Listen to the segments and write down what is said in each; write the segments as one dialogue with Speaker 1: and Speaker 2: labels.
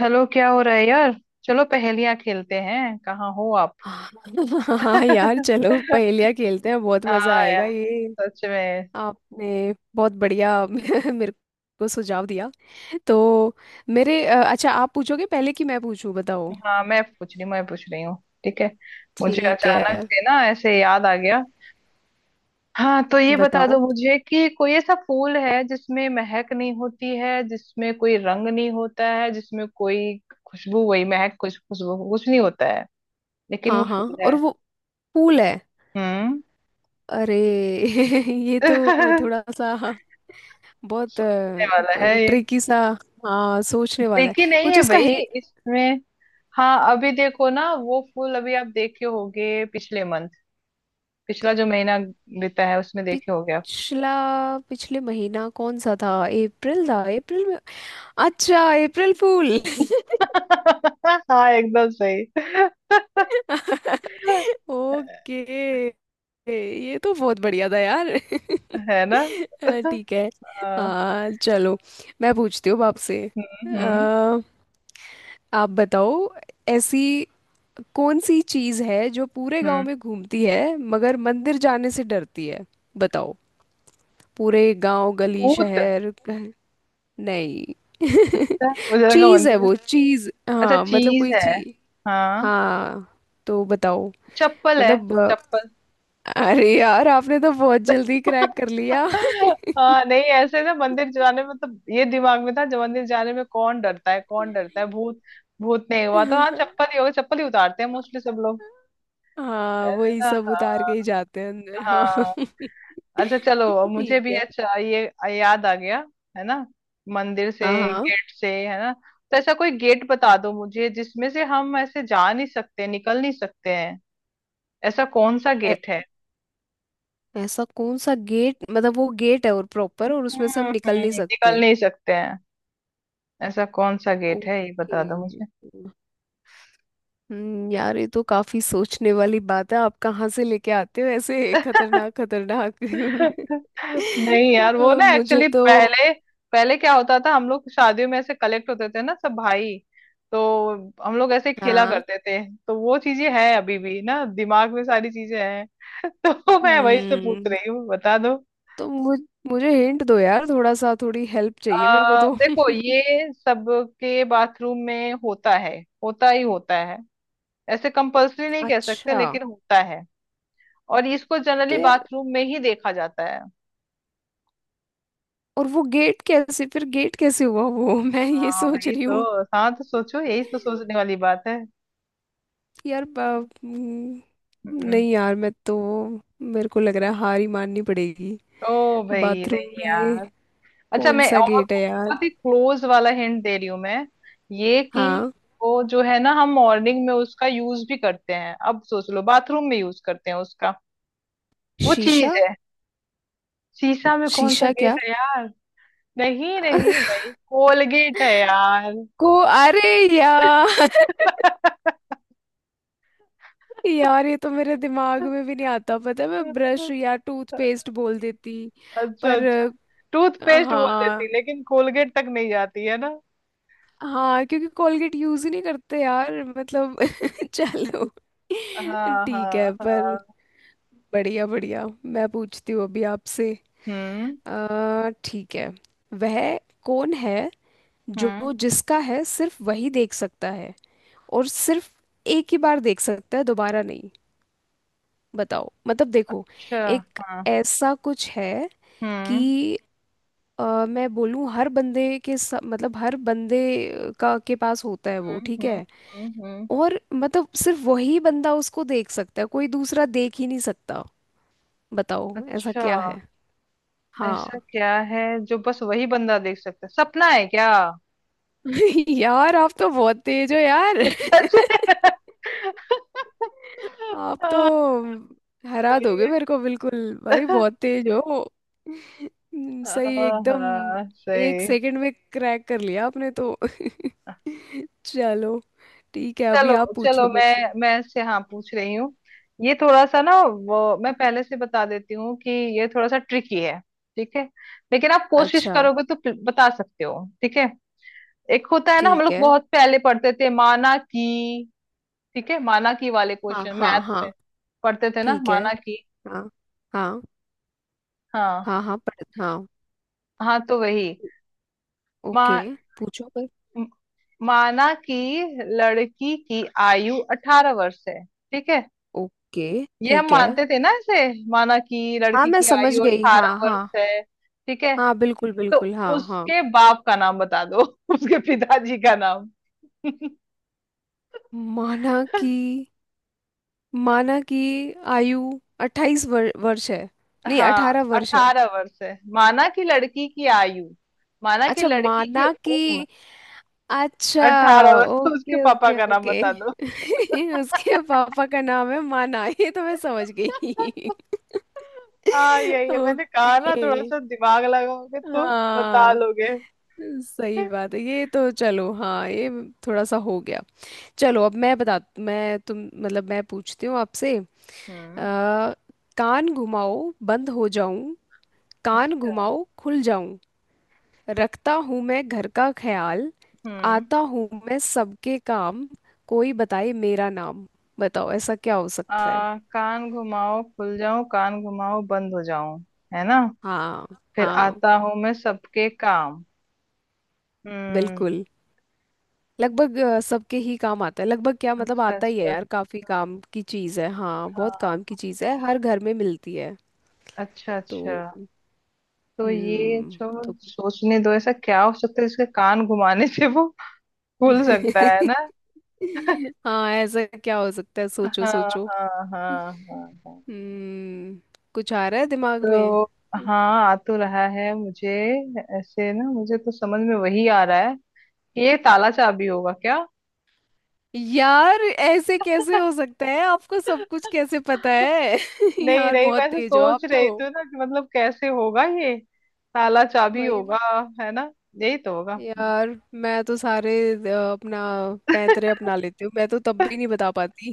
Speaker 1: Hello क्या हो रहा है यार। चलो पहेलियां खेलते हैं। कहाँ हो आप?
Speaker 2: हाँ हाँ यार चलो पहेलियाँ खेलते हैं बहुत मजा
Speaker 1: हाँ
Speaker 2: आएगा
Speaker 1: यार।
Speaker 2: ये।
Speaker 1: सच में।
Speaker 2: आपने बहुत बढ़िया मेरे को सुझाव दिया। तो मेरे अच्छा आप पूछोगे पहले कि मैं पूछूं। बताओ।
Speaker 1: हाँ, मैं पूछ रही हूँ। ठीक है। मुझे
Speaker 2: ठीक
Speaker 1: अचानक
Speaker 2: है।
Speaker 1: से ना ऐसे याद आ गया। हाँ तो ये बता
Speaker 2: बताओ।
Speaker 1: दो मुझे कि कोई ऐसा फूल है जिसमें महक नहीं होती है, जिसमें कोई रंग नहीं होता है, जिसमें कोई खुशबू, वही महक कुछ, खुशबू कुछ नहीं होता है, लेकिन वो
Speaker 2: हाँ हाँ
Speaker 1: फूल है।
Speaker 2: और वो फूल है।
Speaker 1: हम्म।
Speaker 2: अरे ये तो थोड़ा सा बहुत
Speaker 1: सोचने वाला है।
Speaker 2: ट्रिकी सा। हाँ सोचने वाला है।
Speaker 1: ट्रिकी नहीं
Speaker 2: कुछ
Speaker 1: है
Speaker 2: उसका
Speaker 1: भाई इसमें। हाँ अभी देखो ना, वो फूल अभी आप देखे होगे पिछले मंथ। पिछला जो महीना बीता है उसमें देखे होगे आप।
Speaker 2: पिछला पिछले महीना कौन सा था, अप्रैल था। अप्रैल में अच्छा अप्रैल फूल।
Speaker 1: हाँ एकदम सही।
Speaker 2: ओके। ये तो बहुत बढ़िया था यार
Speaker 1: है ना।
Speaker 2: ठीक है।
Speaker 1: हाँ।
Speaker 2: हाँ चलो, मैं पूछती हूँ अब आपसे।
Speaker 1: हम्म
Speaker 2: अ, आप बताओ। ऐसी कौन सी चीज़ है जो पूरे गांव
Speaker 1: हम्म।
Speaker 2: में घूमती है मगर मंदिर जाने से डरती है। बताओ। पूरे गांव गली
Speaker 1: भूत।
Speaker 2: शहर। नहीं
Speaker 1: अच्छा, मुझे लगा
Speaker 2: चीज है
Speaker 1: मंदिर।
Speaker 2: वो, अच्छा चीज
Speaker 1: अच्छा,
Speaker 2: हाँ, मतलब
Speaker 1: चीज
Speaker 2: कोई
Speaker 1: है।
Speaker 2: चीज।
Speaker 1: हाँ।
Speaker 2: हाँ तो बताओ।
Speaker 1: चप्पल है।
Speaker 2: मतलब
Speaker 1: चप्पल।
Speaker 2: अरे यार, आपने तो बहुत जल्दी क्रैक कर लिया।
Speaker 1: हाँ नहीं, ऐसे ना मंदिर जाने में तो ये दिमाग में था जो मंदिर जाने में कौन डरता है। कौन डरता है? भूत। भूत नहीं हुआ तो हाँ चप्पल ही होगा। चप्पल ही उतारते हैं मोस्टली सब लोग।
Speaker 2: हाँ
Speaker 1: है
Speaker 2: वही
Speaker 1: ना?
Speaker 2: सब उतार
Speaker 1: हाँ
Speaker 2: के ही जाते हैं अंदर। हाँ
Speaker 1: हाँ। अच्छा चलो, मुझे
Speaker 2: ठीक
Speaker 1: भी
Speaker 2: है।
Speaker 1: अच्छा ये याद आ गया। है ना, मंदिर से,
Speaker 2: हाँ हाँ
Speaker 1: गेट से। है ना? तो ऐसा कोई गेट बता दो मुझे जिसमें से हम ऐसे जा नहीं सकते, निकल नहीं सकते हैं। ऐसा कौन सा
Speaker 2: ऐ-
Speaker 1: गेट है?
Speaker 2: ऐसा कौन सा गेट, मतलब वो गेट है और प्रॉपर, और उसमें से हम निकल नहीं
Speaker 1: निकल
Speaker 2: सकते।
Speaker 1: नहीं सकते हैं। ऐसा कौन सा गेट है, ये
Speaker 2: ओके
Speaker 1: बता दो मुझे।
Speaker 2: हम्म, यार ये तो काफी सोचने वाली बात है। आप कहाँ से लेके आते हो ऐसे खतरनाक खतरनाक
Speaker 1: नहीं यार, वो
Speaker 2: तो
Speaker 1: ना
Speaker 2: मुझे
Speaker 1: एक्चुअली
Speaker 2: तो
Speaker 1: पहले पहले क्या होता था, हम लोग शादियों में ऐसे कलेक्ट होते थे ना सब भाई। तो हम लोग ऐसे खेला
Speaker 2: हाँ
Speaker 1: करते थे। तो वो चीजें हैं अभी भी ना, दिमाग में सारी चीजें हैं। तो मैं वही से पूछ
Speaker 2: हम्म।
Speaker 1: रही हूँ, बता दो।
Speaker 2: तो मुझे हिंट दो यार थोड़ा सा, थोड़ी हेल्प चाहिए मेरे को तो
Speaker 1: देखो ये सबके बाथरूम में होता है। होता ही होता है। ऐसे कंपल्सरी नहीं कह सकते
Speaker 2: अच्छा।
Speaker 1: लेकिन होता है। और इसको
Speaker 2: तो
Speaker 1: जनरली
Speaker 2: यार
Speaker 1: बाथरूम में ही देखा जाता है।
Speaker 2: और वो गेट कैसे, फिर गेट कैसे हुआ वो मैं ये
Speaker 1: हाँ
Speaker 2: सोच
Speaker 1: वही
Speaker 2: रही
Speaker 1: तो।
Speaker 2: हूँ।
Speaker 1: हाँ तो सोचो, यही तो सोचने वाली बात है।
Speaker 2: यार बा- हम्म,
Speaker 1: हम्म।
Speaker 2: नहीं यार मैं तो मेरे को लग रहा है हार ही माननी पड़ेगी।
Speaker 1: ओ भाई
Speaker 2: बाथरूम
Speaker 1: नहीं
Speaker 2: में
Speaker 1: यार। अच्छा
Speaker 2: कौन
Speaker 1: मैं
Speaker 2: सा
Speaker 1: और
Speaker 2: गेट है यार।
Speaker 1: बहुत ही क्लोज वाला हिंट दे रही हूँ मैं। ये कि
Speaker 2: हाँ
Speaker 1: वो जो है ना, हम मॉर्निंग में उसका यूज भी करते हैं, अब सोच लो, बाथरूम में यूज करते हैं उसका। वो चीज
Speaker 2: शीशा।
Speaker 1: है। शीशा में कौन सा
Speaker 2: शीशा
Speaker 1: गेट
Speaker 2: क्या।
Speaker 1: है यार। नहीं नहीं भाई, कोलगेट है यार।
Speaker 2: को अरे यार यार ये तो मेरे दिमाग में भी नहीं आता, पता है, मैं ब्रश या टूथपेस्ट बोल देती।
Speaker 1: अच्छा
Speaker 2: पर
Speaker 1: अच्छा। टूथपेस्ट बोल
Speaker 2: हाँ
Speaker 1: देती लेकिन कोलगेट तक नहीं जाती है ना।
Speaker 2: हाँ, क्योंकि कोलगेट यूज ही नहीं करते यार मतलब। चलो
Speaker 1: हाँ
Speaker 2: ठीक है,
Speaker 1: हाँ
Speaker 2: पर
Speaker 1: हाँ।
Speaker 2: बढ़िया बढ़िया। मैं पूछती हूँ अभी आपसे।
Speaker 1: हम्म
Speaker 2: ठीक है, वह कौन है
Speaker 1: हम्म।
Speaker 2: जो जिसका है सिर्फ वही देख सकता है, और सिर्फ एक ही बार देख सकता है, दोबारा नहीं। बताओ, मतलब देखो,
Speaker 1: अच्छा।
Speaker 2: एक
Speaker 1: हाँ।
Speaker 2: ऐसा कुछ है
Speaker 1: हम्म
Speaker 2: कि मैं बोलूँ हर बंदे मतलब हर बंदे का के पास होता है वो।
Speaker 1: हम्म।
Speaker 2: ठीक है,
Speaker 1: हम्म।
Speaker 2: और मतलब सिर्फ वही बंदा उसको देख सकता है, कोई दूसरा देख ही नहीं सकता। बताओ ऐसा
Speaker 1: अच्छा।
Speaker 2: क्या है।
Speaker 1: ऐसा
Speaker 2: हाँ
Speaker 1: क्या है जो बस वही बंदा देख सकता है? सपना है क्या?
Speaker 2: यार आप तो बहुत तेज हो यार।
Speaker 1: सच में?
Speaker 2: आप तो हरा
Speaker 1: सही
Speaker 2: दोगे
Speaker 1: है।
Speaker 2: मेरे को बिल्कुल भाई, बहुत तेज हो। सही एकदम।
Speaker 1: हाँ
Speaker 2: एक
Speaker 1: सही।
Speaker 2: सेकंड में क्रैक कर लिया आपने तो चलो ठीक है। अभी
Speaker 1: चलो।
Speaker 2: आप
Speaker 1: चलो
Speaker 2: पूछो मेरे से।
Speaker 1: मैं इससे हाँ पूछ रही हूँ। ये थोड़ा सा ना, वो मैं पहले से बता देती हूँ कि ये थोड़ा सा ट्रिकी है। ठीक है? लेकिन आप कोशिश
Speaker 2: अच्छा
Speaker 1: करोगे तो बता सकते हो। ठीक है? एक होता है ना, हम
Speaker 2: ठीक
Speaker 1: लोग
Speaker 2: है,
Speaker 1: बहुत पहले पढ़ते थे, माना की। ठीक है? माना की वाले
Speaker 2: हाँ
Speaker 1: क्वेश्चन
Speaker 2: हाँ
Speaker 1: मैथ्स में
Speaker 2: हाँ,
Speaker 1: पढ़ते थे ना,
Speaker 2: ठीक है,
Speaker 1: माना की।
Speaker 2: हाँ हाँ
Speaker 1: हाँ
Speaker 2: हाँ हाँ पढ़ हाँ,
Speaker 1: हाँ तो वही।
Speaker 2: ओके
Speaker 1: मा,
Speaker 2: पूछो पर,
Speaker 1: म- माना की लड़की की आयु अठारह वर्ष है, ठीक है?
Speaker 2: ओके
Speaker 1: ये हम
Speaker 2: ठीक है।
Speaker 1: मानते थे ना इसे। माना की
Speaker 2: हाँ
Speaker 1: लड़की
Speaker 2: मैं
Speaker 1: की
Speaker 2: समझ
Speaker 1: आयु
Speaker 2: गई, हाँ
Speaker 1: अठारह वर्ष
Speaker 2: हाँ,
Speaker 1: है, ठीक है?
Speaker 2: हाँ बिल्कुल
Speaker 1: तो
Speaker 2: बिल्कुल, हाँ हाँ।
Speaker 1: उसके बाप का नाम बता दो। उसके पिताजी का नाम।
Speaker 2: माना कि, माना कि आयु अट्ठाईस वर्ष है, नहीं
Speaker 1: हाँ
Speaker 2: अठारह वर्ष है।
Speaker 1: अठारह वर्ष है, माना कि लड़की की आयु। माना कि
Speaker 2: अच्छा
Speaker 1: लड़की की
Speaker 2: माना
Speaker 1: उम्र
Speaker 2: कि, अच्छा
Speaker 1: अठारह वर्ष, तो उसके
Speaker 2: ओके
Speaker 1: पापा
Speaker 2: ओके
Speaker 1: का नाम
Speaker 2: ओके।
Speaker 1: बता दो।
Speaker 2: उसके पापा का नाम है माना। ये तो मैं समझ गई।
Speaker 1: हाँ यही है, मैंने कहा ना थोड़ा
Speaker 2: ओके
Speaker 1: सा दिमाग लगाओगे तो बता
Speaker 2: हाँ,
Speaker 1: लोगे।
Speaker 2: सही बात है ये तो, चलो। हाँ ये थोड़ा सा हो गया। चलो अब मैं बता मैं तुम मतलब मैं पूछती हूँ आपसे। अ,
Speaker 1: हम्म।
Speaker 2: कान घुमाओ बंद हो जाऊं। कान
Speaker 1: अच्छा।
Speaker 2: घुमाओ खुल जाऊं। रखता हूँ मैं घर का ख्याल।
Speaker 1: हम्म।
Speaker 2: आता हूँ मैं सबके काम। कोई बताए मेरा नाम। बताओ ऐसा क्या हो सकता है।
Speaker 1: कान घुमाओ खुल जाऊं, कान घुमाओ बंद हो जाऊं। है ना?
Speaker 2: हाँ
Speaker 1: फिर
Speaker 2: हाँ
Speaker 1: आता हूं मैं सबके काम। हम्म।
Speaker 2: बिल्कुल, लगभग सबके ही काम आता है। लगभग क्या, मतलब
Speaker 1: अच्छा
Speaker 2: आता ही है
Speaker 1: अच्छा।
Speaker 2: यार, काफी काम की चीज है। हाँ
Speaker 1: हाँ
Speaker 2: बहुत
Speaker 1: हाँ,
Speaker 2: काम की चीज है, हर घर में मिलती है।
Speaker 1: अच्छा
Speaker 2: तो
Speaker 1: अच्छा। तो ये
Speaker 2: हम्म
Speaker 1: जो,
Speaker 2: तो
Speaker 1: सोचने दो ऐसा क्या हो सकता है जिसके कान घुमाने से वो भूल सकता है ना।
Speaker 2: हाँ, ऐसा क्या हो सकता है,
Speaker 1: हाँ
Speaker 2: सोचो
Speaker 1: हाँ
Speaker 2: सोचो।
Speaker 1: हाँ हाँ हाँ।
Speaker 2: हम्म, कुछ आ रहा है दिमाग में।
Speaker 1: तो हाँ, आ तो रहा है मुझे। ऐसे ना मुझे तो समझ में वही आ रहा है कि ये ताला चाबी होगा क्या।
Speaker 2: यार ऐसे कैसे हो सकता है, आपको सब कुछ कैसे पता है
Speaker 1: नहीं
Speaker 2: यार
Speaker 1: नहीं, मैं
Speaker 2: बहुत
Speaker 1: ऐसे
Speaker 2: तेज हो आप
Speaker 1: सोच रही
Speaker 2: तो
Speaker 1: थी ना कि मतलब कैसे होगा ये, ताला चाबी
Speaker 2: भाई।
Speaker 1: होगा। है ना? यही तो होगा।
Speaker 2: यार मैं तो सारे अपना पैंतरे अपना लेती हूँ, मैं तो तब भी नहीं बता पाती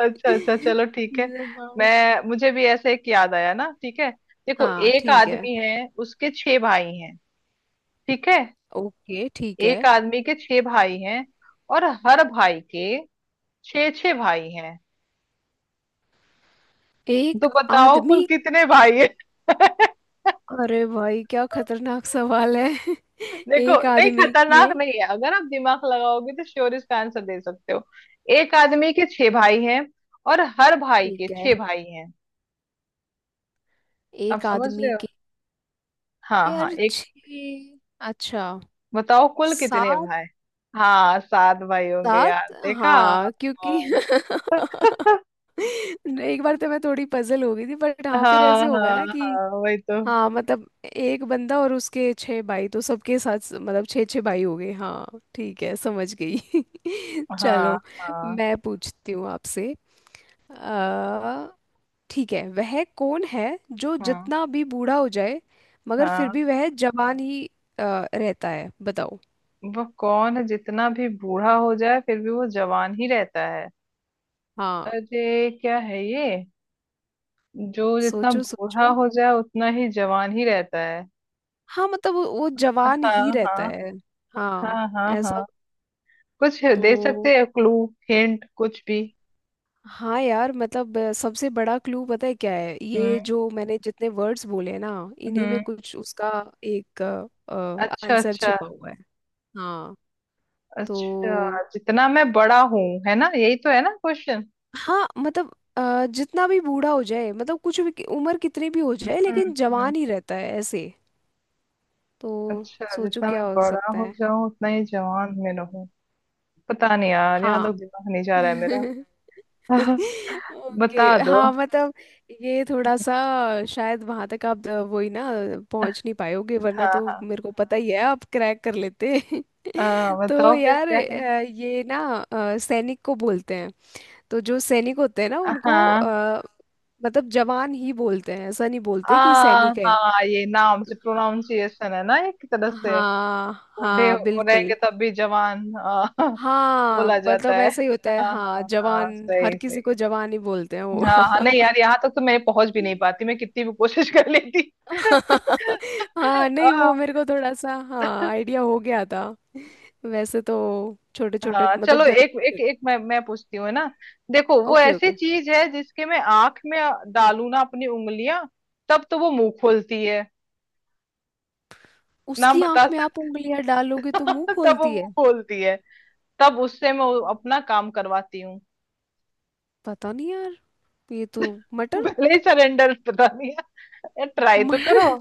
Speaker 1: अच्छा अच्छा चलो ठीक है।
Speaker 2: हाँ
Speaker 1: मैं, मुझे भी ऐसे एक याद आया ना, ठीक है? देखो
Speaker 2: हाँ,
Speaker 1: एक
Speaker 2: ठीक है,
Speaker 1: आदमी है, उसके छह भाई हैं। ठीक है?
Speaker 2: ओके ठीक है,
Speaker 1: एक आदमी के छह भाई हैं, और हर भाई के छह छह भाई हैं।
Speaker 2: एक
Speaker 1: तो बताओ कुल
Speaker 2: आदमी।
Speaker 1: कितने भाई हैं?
Speaker 2: अरे भाई क्या खतरनाक सवाल है
Speaker 1: देखो
Speaker 2: एक
Speaker 1: नहीं,
Speaker 2: आदमी के।
Speaker 1: खतरनाक नहीं है। अगर आप दिमाग लगाओगे तो श्योर इसका आंसर दे सकते हो। एक आदमी के छह भाई हैं, और हर भाई के
Speaker 2: ठीक है,
Speaker 1: छह भाई हैं। आप
Speaker 2: एक
Speaker 1: समझ
Speaker 2: आदमी
Speaker 1: रहे हो?
Speaker 2: के,
Speaker 1: हाँ हाँ
Speaker 2: यार
Speaker 1: एक।
Speaker 2: छः। अच्छा
Speaker 1: बताओ कुल कितने
Speaker 2: सात।
Speaker 1: भाई? हाँ सात भाई होंगे यार,
Speaker 2: साथ
Speaker 1: देखा। हाँ
Speaker 2: हाँ, क्योंकि एक बार तो मैं थोड़ी पजल हो गई थी, बट हाँ फिर ऐसे
Speaker 1: हाँ
Speaker 2: होगा ना
Speaker 1: हाँ
Speaker 2: कि।
Speaker 1: हाँ, वही तो।
Speaker 2: हाँ मतलब एक बंदा और उसके छह भाई, तो सबके साथ मतलब छह छह भाई हो गए। हाँ ठीक है समझ गई
Speaker 1: हाँ
Speaker 2: चलो।
Speaker 1: हाँ
Speaker 2: मैं पूछती हूँ आपसे। अ, ठीक है, वह कौन है जो
Speaker 1: हाँ।
Speaker 2: जितना भी बूढ़ा हो जाए मगर फिर
Speaker 1: हाँ
Speaker 2: भी वह जवान ही अ, रहता है। बताओ।
Speaker 1: वो कौन है जितना भी बूढ़ा हो जाए फिर भी वो जवान ही रहता है?
Speaker 2: हाँ
Speaker 1: अरे क्या है ये, जो जितना
Speaker 2: सोचो सोचो।
Speaker 1: बूढ़ा हो जाए उतना ही जवान ही रहता है?
Speaker 2: हाँ मतलब वो
Speaker 1: हाँ
Speaker 2: जवान ही रहता
Speaker 1: हाँ
Speaker 2: है। हाँ
Speaker 1: हाँ हाँ
Speaker 2: ऐसा
Speaker 1: हाँ, कुछ दे
Speaker 2: तो।
Speaker 1: सकते हैं क्लू? हिंट कुछ भी।
Speaker 2: हाँ यार मतलब सबसे बड़ा क्लू पता है क्या है,
Speaker 1: हम्म
Speaker 2: ये जो मैंने जितने वर्ड्स बोले हैं ना, इन्हीं में
Speaker 1: हम्म।
Speaker 2: कुछ उसका एक
Speaker 1: अच्छा
Speaker 2: आंसर
Speaker 1: अच्छा।
Speaker 2: छिपा हुआ है। हाँ तो
Speaker 1: अच्छा जितना मैं बड़ा हूँ, है ना, यही तो है ना क्वेश्चन।
Speaker 2: हाँ मतलब जितना भी बूढ़ा हो जाए, मतलब कुछ भी, उम्र कितनी भी हो जाए
Speaker 1: हम्म
Speaker 2: लेकिन
Speaker 1: हम्म,
Speaker 2: जवान ही रहता है ऐसे। तो
Speaker 1: अच्छा
Speaker 2: सोचो
Speaker 1: जितना
Speaker 2: क्या
Speaker 1: मैं
Speaker 2: हो
Speaker 1: बड़ा
Speaker 2: सकता
Speaker 1: हो
Speaker 2: है।
Speaker 1: जाऊं उतना ही जवान में रहूं। पता नहीं यार, यहाँ
Speaker 2: हाँ
Speaker 1: तक दिमाग नहीं जा रहा है मेरा।
Speaker 2: ओके,
Speaker 1: बता दो।
Speaker 2: हाँ मतलब ये थोड़ा सा शायद वहां तक आप वही ना पहुंच नहीं पाओगे, वरना
Speaker 1: हाँ
Speaker 2: तो
Speaker 1: हाँ।
Speaker 2: मेरे को पता ही है आप क्रैक कर लेते। तो
Speaker 1: बताओ फिर
Speaker 2: यार
Speaker 1: क्या है।
Speaker 2: ये ना सैनिक को बोलते हैं। तो जो सैनिक होते हैं ना उनको
Speaker 1: हाँ।
Speaker 2: मतलब जवान ही बोलते हैं, ऐसा नहीं बोलते कि सैनिक है।
Speaker 1: हाँ ये नाम से प्रोनाउंसिएशन है ना एक तरह से।
Speaker 2: हाँ
Speaker 1: बूढ़े
Speaker 2: हाँ
Speaker 1: हो
Speaker 2: बिल्कुल,
Speaker 1: रहेंगे तब भी जवान
Speaker 2: हाँ
Speaker 1: बोला जाता
Speaker 2: मतलब
Speaker 1: है।
Speaker 2: ऐसा ही होता है।
Speaker 1: हाँ
Speaker 2: हाँ
Speaker 1: हाँ
Speaker 2: जवान
Speaker 1: हाँ
Speaker 2: हर
Speaker 1: सही
Speaker 2: किसी को
Speaker 1: सही।
Speaker 2: जवान ही बोलते हैं वो
Speaker 1: हाँ हाँ नहीं यार, यहाँ तक तो मैं पहुंच भी नहीं पाती, मैं कितनी भी कोशिश कर लेती।
Speaker 2: हाँ नहीं
Speaker 1: हाँ
Speaker 2: वो मेरे को थोड़ा सा हाँ आइडिया हो गया था वैसे तो। छोटे छोटे
Speaker 1: हाँ
Speaker 2: मतलब
Speaker 1: चलो।
Speaker 2: घर।
Speaker 1: एक एक एक, मैं पूछती हूँ, है ना? देखो वो
Speaker 2: ओके
Speaker 1: ऐसी
Speaker 2: ओके।
Speaker 1: चीज है जिसके मैं आंख में डालू ना अपनी उंगलियां तब तो वो मुंह खोलती है। नाम
Speaker 2: उसकी
Speaker 1: बता
Speaker 2: आंख में आप
Speaker 1: सकते?
Speaker 2: उंगलियां डालोगे तो मुंह
Speaker 1: तब वो
Speaker 2: खोलती है।
Speaker 1: मुंह खोलती है। तब उससे मैं अपना काम करवाती हूँ।
Speaker 2: पता नहीं यार, ये तो मटर।
Speaker 1: पहले ही सरेंडर बता दिया, ट्राई तो करो।
Speaker 2: म-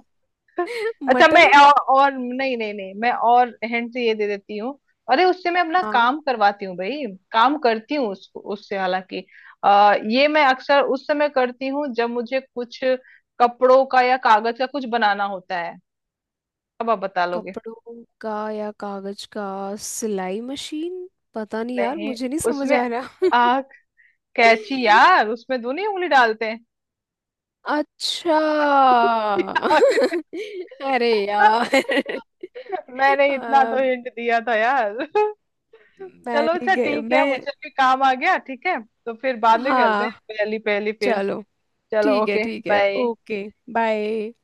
Speaker 1: अच्छा मैं
Speaker 2: मटर।
Speaker 1: और, नहीं नहीं नहीं, मैं और हैंड से ये दे देती हूँ। अरे उससे मैं अपना
Speaker 2: हाँ
Speaker 1: काम करवाती हूँ भाई। काम करती हूँ उससे हालांकि। ये मैं अक्सर उस समय करती हूँ जब मुझे कुछ कपड़ों का या कागज का कुछ बनाना होता है। अब आप बता लोगे?
Speaker 2: कपड़ों का या कागज का, सिलाई मशीन। पता नहीं यार,
Speaker 1: नहीं
Speaker 2: मुझे नहीं समझ
Speaker 1: उसमें
Speaker 2: आ रहा।
Speaker 1: आ कैची यार, उसमें दो नहीं उंगली डालते हैं।
Speaker 2: अच्छा अरे यार
Speaker 1: मैंने इतना
Speaker 2: अ,
Speaker 1: तो हिंट दिया था यार।
Speaker 2: मैं
Speaker 1: चलो
Speaker 2: नहीं
Speaker 1: अच्छा
Speaker 2: गई
Speaker 1: ठीक है,
Speaker 2: मैं।
Speaker 1: मुझे भी काम आ गया। ठीक है, तो फिर बाद में करते हैं
Speaker 2: हाँ
Speaker 1: पहली पहली फिर।
Speaker 2: चलो,
Speaker 1: चलो
Speaker 2: ठीक है
Speaker 1: ओके।
Speaker 2: ठीक है,
Speaker 1: बाय।
Speaker 2: ओके। बाय।